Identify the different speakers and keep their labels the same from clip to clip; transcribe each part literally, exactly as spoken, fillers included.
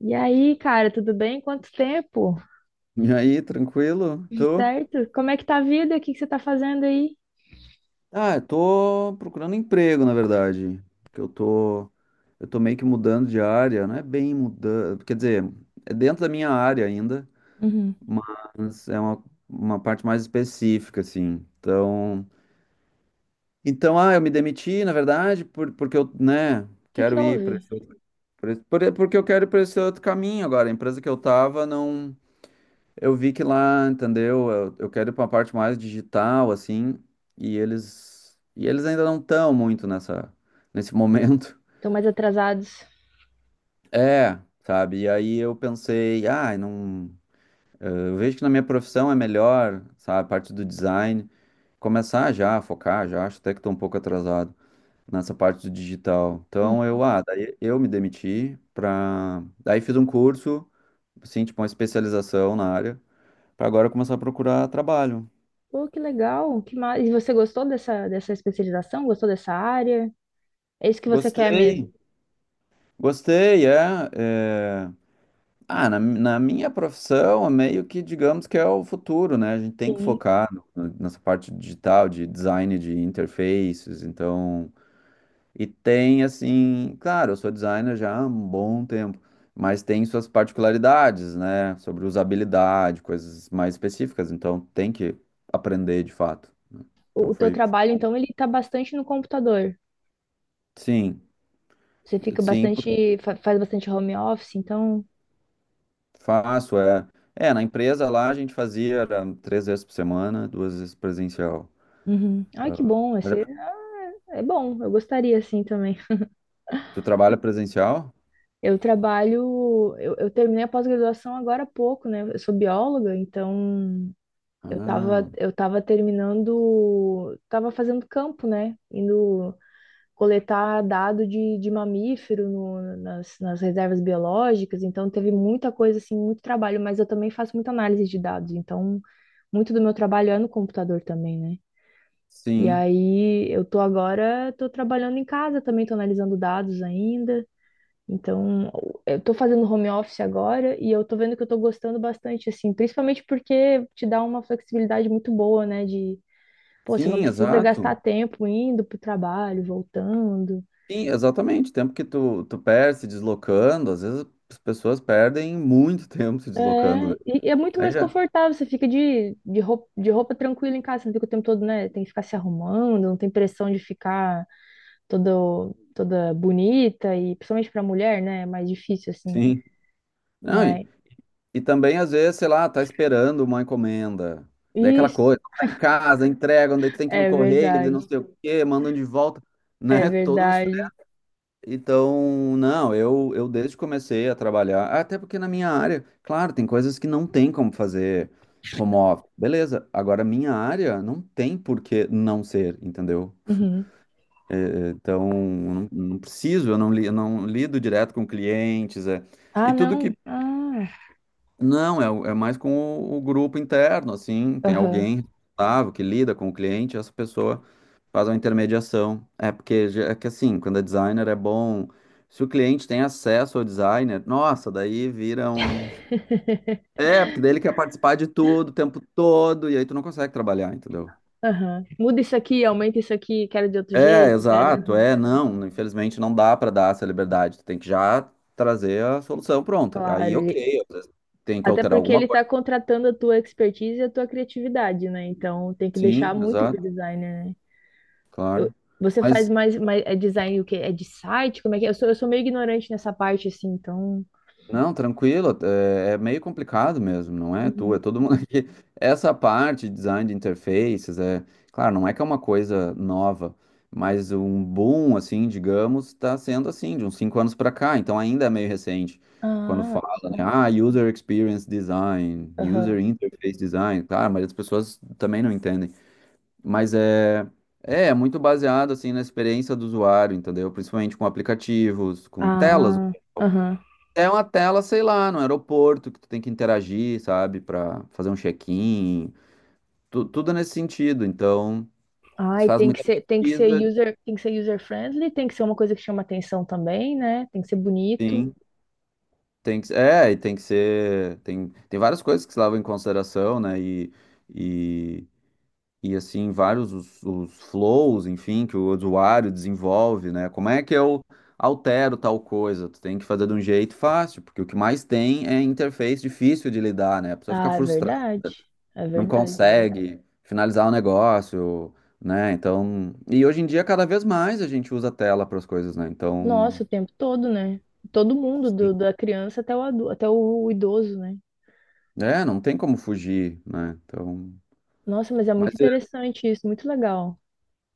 Speaker 1: E aí, cara, tudo bem? Quanto tempo?
Speaker 2: E aí, tranquilo?
Speaker 1: Tudo
Speaker 2: Tô?
Speaker 1: certo? Como é que tá a vida? O que que você tá fazendo aí?
Speaker 2: Ah, eu tô procurando emprego, na verdade. Que eu tô, eu tô meio que mudando de área, não é bem mudando, quer dizer, é dentro da minha área ainda,
Speaker 1: Uhum. O
Speaker 2: mas é uma, uma parte mais específica, assim. Então, então, ah, eu me demiti, na verdade, por, porque eu, né,
Speaker 1: que que
Speaker 2: quero ir
Speaker 1: houve?
Speaker 2: para esse outro, por, esse- por- porque eu quero ir para esse outro caminho agora. A empresa que eu tava não Eu vi que lá, entendeu? Eu, eu quero ir para uma parte mais digital, assim, e eles e eles ainda não estão muito nessa nesse momento.
Speaker 1: Estão mais atrasados.
Speaker 2: É, sabe? E aí eu pensei, ah, não, eh, eu vejo que na minha profissão é melhor, sabe, a parte do design, começar já a focar, já acho até que estou um pouco atrasado nessa parte do digital. Então
Speaker 1: Hum.
Speaker 2: eu, ah, daí eu me demiti para, daí fiz um curso, assim, tipo uma especialização na área, para agora começar a procurar trabalho.
Speaker 1: Pô, que legal. Que ma... E você gostou dessa, dessa especialização? Gostou dessa área? É isso que você quer
Speaker 2: Gostei.
Speaker 1: mesmo?
Speaker 2: Gostei, é. é- Ah, na, na minha profissão, é meio que digamos que é o futuro, né? A gente tem que
Speaker 1: Sim.
Speaker 2: focar no- no- nessa parte digital, de design de interfaces, então. E tem, assim, claro, eu sou designer já há um bom tempo, mas tem suas particularidades, né? Sobre usabilidade, coisas mais específicas, então tem que aprender de fato, né?
Speaker 1: O,
Speaker 2: Então
Speaker 1: o teu
Speaker 2: foi.
Speaker 1: trabalho, então, ele tá bastante no computador.
Speaker 2: Sim,
Speaker 1: Você fica
Speaker 2: sim,
Speaker 1: bastante, fa- faz bastante home office, então.
Speaker 2: faço, é. É, na empresa lá a gente fazia era três vezes por semana, duas vezes presencial.
Speaker 1: Uhum. Ai, que bom.
Speaker 2: Mas é
Speaker 1: Esse...
Speaker 2: porque
Speaker 1: É é bom. Eu gostaria, assim, também.
Speaker 2: Tu trabalha presencial?
Speaker 1: Eu trabalho, eu, eu terminei a pós-graduação agora há pouco, né? Eu sou bióloga, então eu tava,
Speaker 2: Ah,
Speaker 1: eu tava terminando, tava fazendo campo, né? Indo coletar dado de, de mamífero no- nas, nas reservas biológicas, então teve muita coisa, assim, muito trabalho, mas eu também faço muita análise de dados, então muito do meu trabalho é no computador também, né? E
Speaker 2: sim.
Speaker 1: aí eu tô agora, tô trabalhando em casa também, tô analisando dados ainda. Então, eu tô fazendo home office agora e eu tô vendo que eu tô gostando bastante, assim, principalmente porque te dá uma flexibilidade muito boa, né? De, pô, você não
Speaker 2: Sim,
Speaker 1: precisa
Speaker 2: exato.
Speaker 1: gastar tempo indo pro trabalho, voltando.
Speaker 2: Sim, exatamente. O tempo que tu, tu perde se deslocando, às vezes as pessoas perdem muito tempo se deslocando,
Speaker 1: É,
Speaker 2: né?
Speaker 1: e e é muito
Speaker 2: Aí
Speaker 1: mais
Speaker 2: já,
Speaker 1: confortável, você fica de, de roupa, de roupa tranquila em casa, você não fica o tempo todo, né? Tem que ficar se arrumando, não tem pressão de ficar todo, toda bonita, e principalmente pra mulher, né? É mais difícil, assim.
Speaker 2: sim. Não, e,
Speaker 1: Mas
Speaker 2: e também às vezes, sei lá, tá esperando uma encomenda. Daí é aquela
Speaker 1: isso
Speaker 2: coisa, tá em casa, entregam, daí tu tem que ir no
Speaker 1: é
Speaker 2: correio, daí não
Speaker 1: verdade,
Speaker 2: sei o quê, mandam de volta,
Speaker 1: é
Speaker 2: né? Todo um
Speaker 1: verdade.
Speaker 2: Então, não, eu, eu desde que comecei a trabalhar, até porque na minha área, claro, tem coisas que não tem como fazer home office, beleza, agora minha área não tem por que não ser, entendeu?
Speaker 1: Uhum.
Speaker 2: É, então, eu não, não preciso, eu não, li, eu não lido direto com clientes, é,
Speaker 1: Ah,
Speaker 2: e tudo
Speaker 1: não.
Speaker 2: que,
Speaker 1: Ah,
Speaker 2: não, é, o- é mais com o, o grupo interno, assim, tem
Speaker 1: aham,
Speaker 2: alguém responsável que lida com o cliente, essa pessoa faz uma intermediação. É porque já- é que assim, quando é designer é bom. Se o cliente tem acesso ao designer, nossa, daí vira um. É, porque daí ele quer participar de tudo o tempo todo, e aí tu não consegue trabalhar, entendeu?
Speaker 1: aham. Muda isso aqui, aumenta isso aqui, quero de outro
Speaker 2: É,
Speaker 1: jeito, quero.
Speaker 2: exato, é, não. Infelizmente não dá pra dar essa liberdade. Tu tem que já trazer a solução pronta.
Speaker 1: Claro,
Speaker 2: Aí,
Speaker 1: ele-
Speaker 2: ok, às vezes tem que
Speaker 1: até
Speaker 2: alterar
Speaker 1: porque
Speaker 2: alguma
Speaker 1: ele está
Speaker 2: coisa.
Speaker 1: contratando a tua expertise e a tua criatividade, né? Então tem que
Speaker 2: Sim,
Speaker 1: deixar muito pro
Speaker 2: exato,
Speaker 1: designer, né? Eu-
Speaker 2: claro.
Speaker 1: Você faz
Speaker 2: Mas
Speaker 1: mais, mais é design o quê? É de site? Como é que é? Eu sou, eu sou meio ignorante nessa parte, assim, então.
Speaker 2: Não, tranquilo, é, é meio complicado mesmo, não é tu, é
Speaker 1: Uhum.
Speaker 2: todo mundo aqui. Essa parte de design de interfaces, é, claro, não é que é uma coisa nova, mas um boom, assim, digamos, está sendo assim, de uns cinco anos para cá, então ainda é meio recente. Quando
Speaker 1: Ah,
Speaker 2: fala,
Speaker 1: olha só.
Speaker 2: né, ah, user experience design,
Speaker 1: Aham.
Speaker 2: user interface design, claro, mas as pessoas também não entendem, mas é, é, é muito baseado, assim, na experiência do usuário, entendeu? Principalmente com aplicativos, com telas,
Speaker 1: Ah, aham.
Speaker 2: é uma tela, sei lá, no aeroporto que tu tem que interagir, sabe. Pra fazer um check-in, tu- tudo nesse sentido. Então, se
Speaker 1: Ai,
Speaker 2: faz
Speaker 1: tem que
Speaker 2: muita
Speaker 1: ser, tem que ser
Speaker 2: pesquisa,
Speaker 1: user, tem que ser user friendly, tem que ser uma coisa que chama atenção também, né? Tem que ser bonito.
Speaker 2: sim, tem que, é, e tem que ser, tem, tem várias coisas que se levam em consideração, né? E, e, e assim, vários os, os flows, enfim, que o usuário desenvolve, né? Como é que eu altero tal coisa? Tu tem que fazer de um jeito fácil, porque o que mais tem é interface difícil de lidar, né? A pessoa fica
Speaker 1: Ah, é
Speaker 2: frustrada,
Speaker 1: verdade. É
Speaker 2: não
Speaker 1: verdade.
Speaker 2: consegue finalizar o negócio, né? Então, e hoje em dia cada vez mais a gente usa tela para as coisas, né? Então,
Speaker 1: Nossa, o tempo todo, né? Todo mundo,
Speaker 2: sim,
Speaker 1: do- da criança até o, adu- até o idoso, né?
Speaker 2: é, não tem como fugir, né? Então,
Speaker 1: Nossa, mas é muito
Speaker 2: mas é,
Speaker 1: interessante isso, muito legal.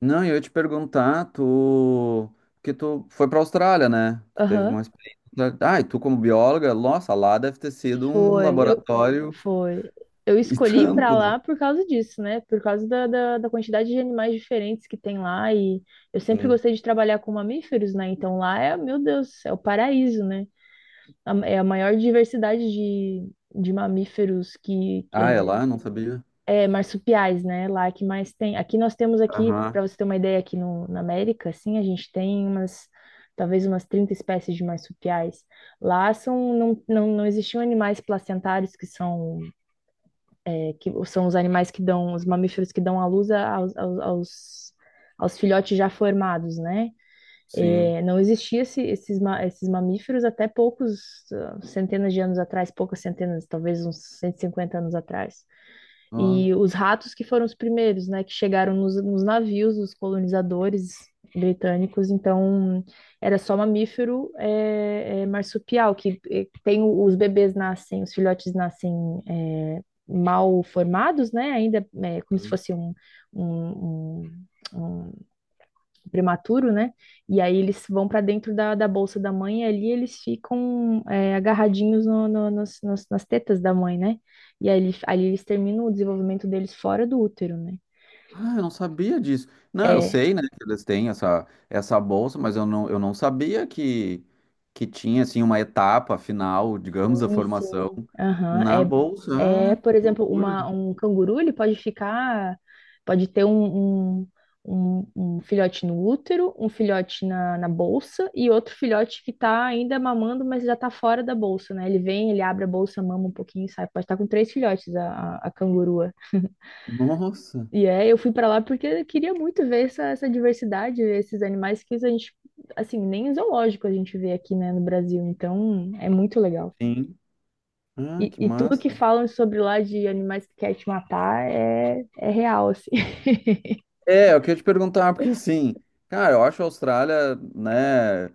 Speaker 2: não, eu ia te perguntar, tu que tu foi para a Austrália, né? Tu teve
Speaker 1: Aham,
Speaker 2: uma experiência. Ah, e tu como bióloga, nossa, lá deve ter sido um
Speaker 1: foi. Eu,
Speaker 2: laboratório
Speaker 1: foi. Eu
Speaker 2: e
Speaker 1: escolhi ir pra
Speaker 2: tanto, né?
Speaker 1: lá por causa disso, né? Por causa da, da, da quantidade de animais diferentes que tem lá. E eu sempre
Speaker 2: Sim.
Speaker 1: gostei de trabalhar com mamíferos, né? Então lá é, meu Deus, é o paraíso, né? A- É a maior diversidade de, de mamíferos que, que
Speaker 2: Ah, é
Speaker 1: é
Speaker 2: lá? Não sabia.
Speaker 1: é, marsupiais, né? Lá que mais tem. Aqui nós temos aqui, para
Speaker 2: Aham,
Speaker 1: você ter uma ideia, aqui no, na América, assim, a gente tem umas, talvez umas trinta espécies de marsupiais. Lá são, não, não, não existiam animais placentários, que são, é, que são os animais que dão, os mamíferos que dão à luz a- aos, aos, aos, aos filhotes já formados, né?
Speaker 2: sim.
Speaker 1: É, não existia esse- esses, ma- esses mamíferos até poucos ah, centenas de anos atrás, poucas centenas, talvez uns cento e cinquenta anos atrás.
Speaker 2: Ó.
Speaker 1: E os ratos que foram os primeiros, né, que chegaram nos, nos navios dos colonizadores britânicos, então era só mamífero é, é, marsupial, que é, tem o- os bebês nascem, os filhotes nascem é, mal formados, né, ainda é, como se
Speaker 2: Hum.
Speaker 1: fosse um, um, um- um- prematuro, né? E aí eles vão para dentro da, da bolsa da mãe e ali eles ficam é, agarradinhos no, no- nas, nas- nas tetas da mãe, né? E aí, ali ali eles terminam o desenvolvimento deles fora do útero, né?
Speaker 2: Ah, eu não sabia disso. Não, eu
Speaker 1: É,
Speaker 2: sei, né, que eles têm essa, essa bolsa, mas eu não, eu não sabia que, que tinha, assim, uma etapa final, digamos, da
Speaker 1: sim,
Speaker 2: formação
Speaker 1: sim. Aham.
Speaker 2: na bolsa.
Speaker 1: É, é,
Speaker 2: Ah,
Speaker 1: por
Speaker 2: que
Speaker 1: exemplo,
Speaker 2: loucura.
Speaker 1: uma, um canguru, ele pode ficar, pode ter um, um, um- um filhote no útero, um filhote na, na bolsa e outro filhote que está ainda mamando, mas já está fora da bolsa, né? Ele vem, ele abre a bolsa, mama um pouquinho e sai. Pode estar com três filhotes a, a, a cangurua.
Speaker 2: Nossa,
Speaker 1: E é, eu fui para lá porque eu queria muito ver essa, essa diversidade, ver esses animais que a gente, assim, nem em zoológico a gente vê aqui, né, no Brasil. Então, é muito legal.
Speaker 2: sim. Ah,
Speaker 1: E,
Speaker 2: que
Speaker 1: e tudo que
Speaker 2: massa.
Speaker 1: falam sobre lá de animais que quer te matar é, é real, assim.
Speaker 2: É, eu queria te perguntar, porque assim, cara, eu acho a Austrália, né?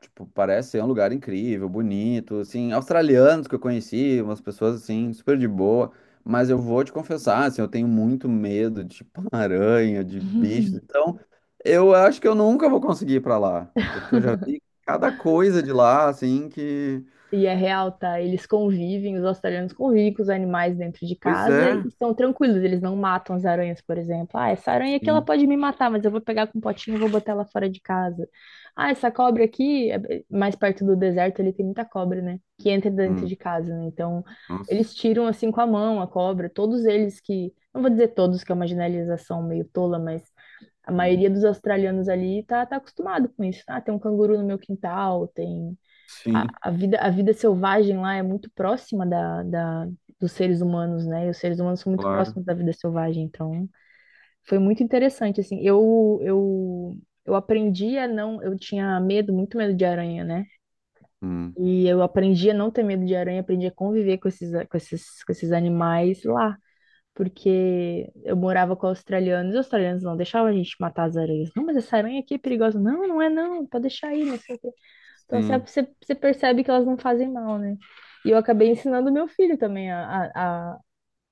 Speaker 2: Tipo, parece ser um lugar incrível, bonito, assim, australianos que eu conheci, umas pessoas assim, super de boa, mas eu vou te confessar, assim, eu tenho muito medo de tipo, aranha, de bichos, então eu acho que eu nunca vou conseguir ir pra lá, porque eu já vi cada coisa de lá, assim, que...
Speaker 1: E é real, tá? Eles convivem, os australianos convivem com os animais dentro de
Speaker 2: Pois
Speaker 1: casa e
Speaker 2: é,
Speaker 1: estão tranquilos, eles não matam as aranhas, por exemplo. Ah, essa aranha aqui ela
Speaker 2: sim.
Speaker 1: pode me matar, mas eu vou pegar com um potinho e vou botar ela fora de casa. Ah, essa cobra aqui, é- é, mais perto do deserto, ele tem muita cobra, né? Que entra dentro de
Speaker 2: Hum.
Speaker 1: casa, né? Então,
Speaker 2: Nossa.
Speaker 1: eles tiram assim com a mão a cobra, todos eles que, não vou dizer todos, que é uma generalização meio tola, mas a
Speaker 2: Hum,
Speaker 1: maioria dos australianos ali tá, tá acostumado com isso. Ah, tem um canguru no meu quintal, tem.
Speaker 2: sim,
Speaker 1: A, a vida, a vida selvagem lá é muito próxima da, da, dos seres humanos, né? E os seres humanos são muito
Speaker 2: claro.
Speaker 1: próximos da vida selvagem, então foi muito interessante, assim. Eu, eu, eu aprendi a não. Eu tinha medo, muito medo de aranha, né?
Speaker 2: Hum,
Speaker 1: E eu aprendi a não ter medo de aranha, aprendi a conviver com esses, com esses, com esses animais lá porque eu morava com australianos, e os australianos não deixavam a gente matar as aranhas. Não, mas essa aranha aqui é perigosa. Não, não é não, pode deixar aí, não sei o quê. Então assim,
Speaker 2: sim,
Speaker 1: você, você percebe que elas não fazem mal, né? E eu acabei ensinando meu filho também a, a, a-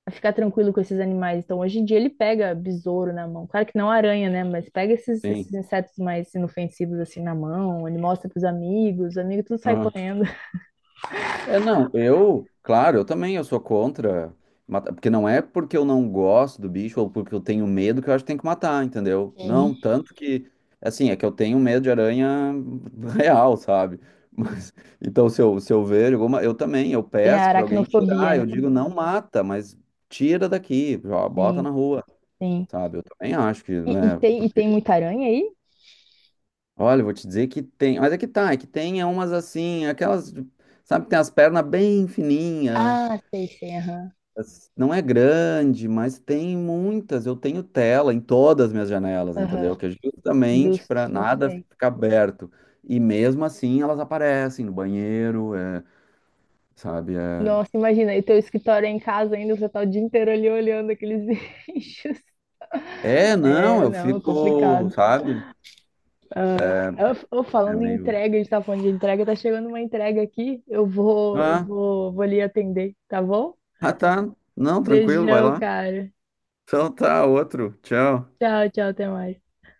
Speaker 1: a ficar tranquilo com esses animais. Então hoje em dia ele pega besouro na mão. Claro que não aranha, né? Mas pega esses, esses
Speaker 2: sim.
Speaker 1: insetos mais inofensivos assim na mão, ele mostra pros amigos, os amigos tudo sai correndo.
Speaker 2: É, não, eu, claro, eu também, eu sou contra matar, porque não é porque eu não gosto do bicho ou porque eu tenho medo que eu acho que tem que matar, entendeu? Não,
Speaker 1: Sim.
Speaker 2: tanto que, assim, é que eu tenho medo de aranha real, sabe? Mas, então, se eu, se eu ver alguma, eu também, eu
Speaker 1: Tem a
Speaker 2: peço pra alguém
Speaker 1: aracnofobia,
Speaker 2: tirar,
Speaker 1: né?
Speaker 2: eu digo, não mata, mas tira daqui, ó, bota
Speaker 1: Sim,
Speaker 2: na rua,
Speaker 1: sim.
Speaker 2: sabe? Eu também acho que,
Speaker 1: E, e
Speaker 2: né,
Speaker 1: tem, e
Speaker 2: porque,
Speaker 1: tem muita aranha aí?
Speaker 2: olha, eu vou te dizer que tem, mas é que tá, é que tem umas assim, aquelas, sabe, que tem as pernas bem fininhas.
Speaker 1: Ah, sei, sei, aham.
Speaker 2: Não é grande, mas tem muitas. Eu tenho tela em todas as minhas janelas,
Speaker 1: Aham,
Speaker 2: entendeu? Que é justamente
Speaker 1: justo,
Speaker 2: para
Speaker 1: muito
Speaker 2: nada
Speaker 1: bem.
Speaker 2: ficar aberto. E mesmo assim elas aparecem no banheiro, é, sabe? É,
Speaker 1: Nossa, imagina, e teu escritório é em casa ainda, você tá o dia inteiro ali olhando aqueles bichos.
Speaker 2: é, não,
Speaker 1: É,
Speaker 2: eu
Speaker 1: não,
Speaker 2: fico,
Speaker 1: complicado.
Speaker 2: sabe?
Speaker 1: Eu, eu
Speaker 2: É
Speaker 1: falando em
Speaker 2: meio.
Speaker 1: entrega, a gente tá falando de entrega, tá chegando uma entrega aqui. Eu vou, eu
Speaker 2: Ah,
Speaker 1: vou, vou ali atender, tá bom?
Speaker 2: ah, tá. Não, tranquilo, vai
Speaker 1: Beijão,
Speaker 2: lá.
Speaker 1: cara.
Speaker 2: Então tá, outro. Tchau.
Speaker 1: Tchau, tchau, até mais.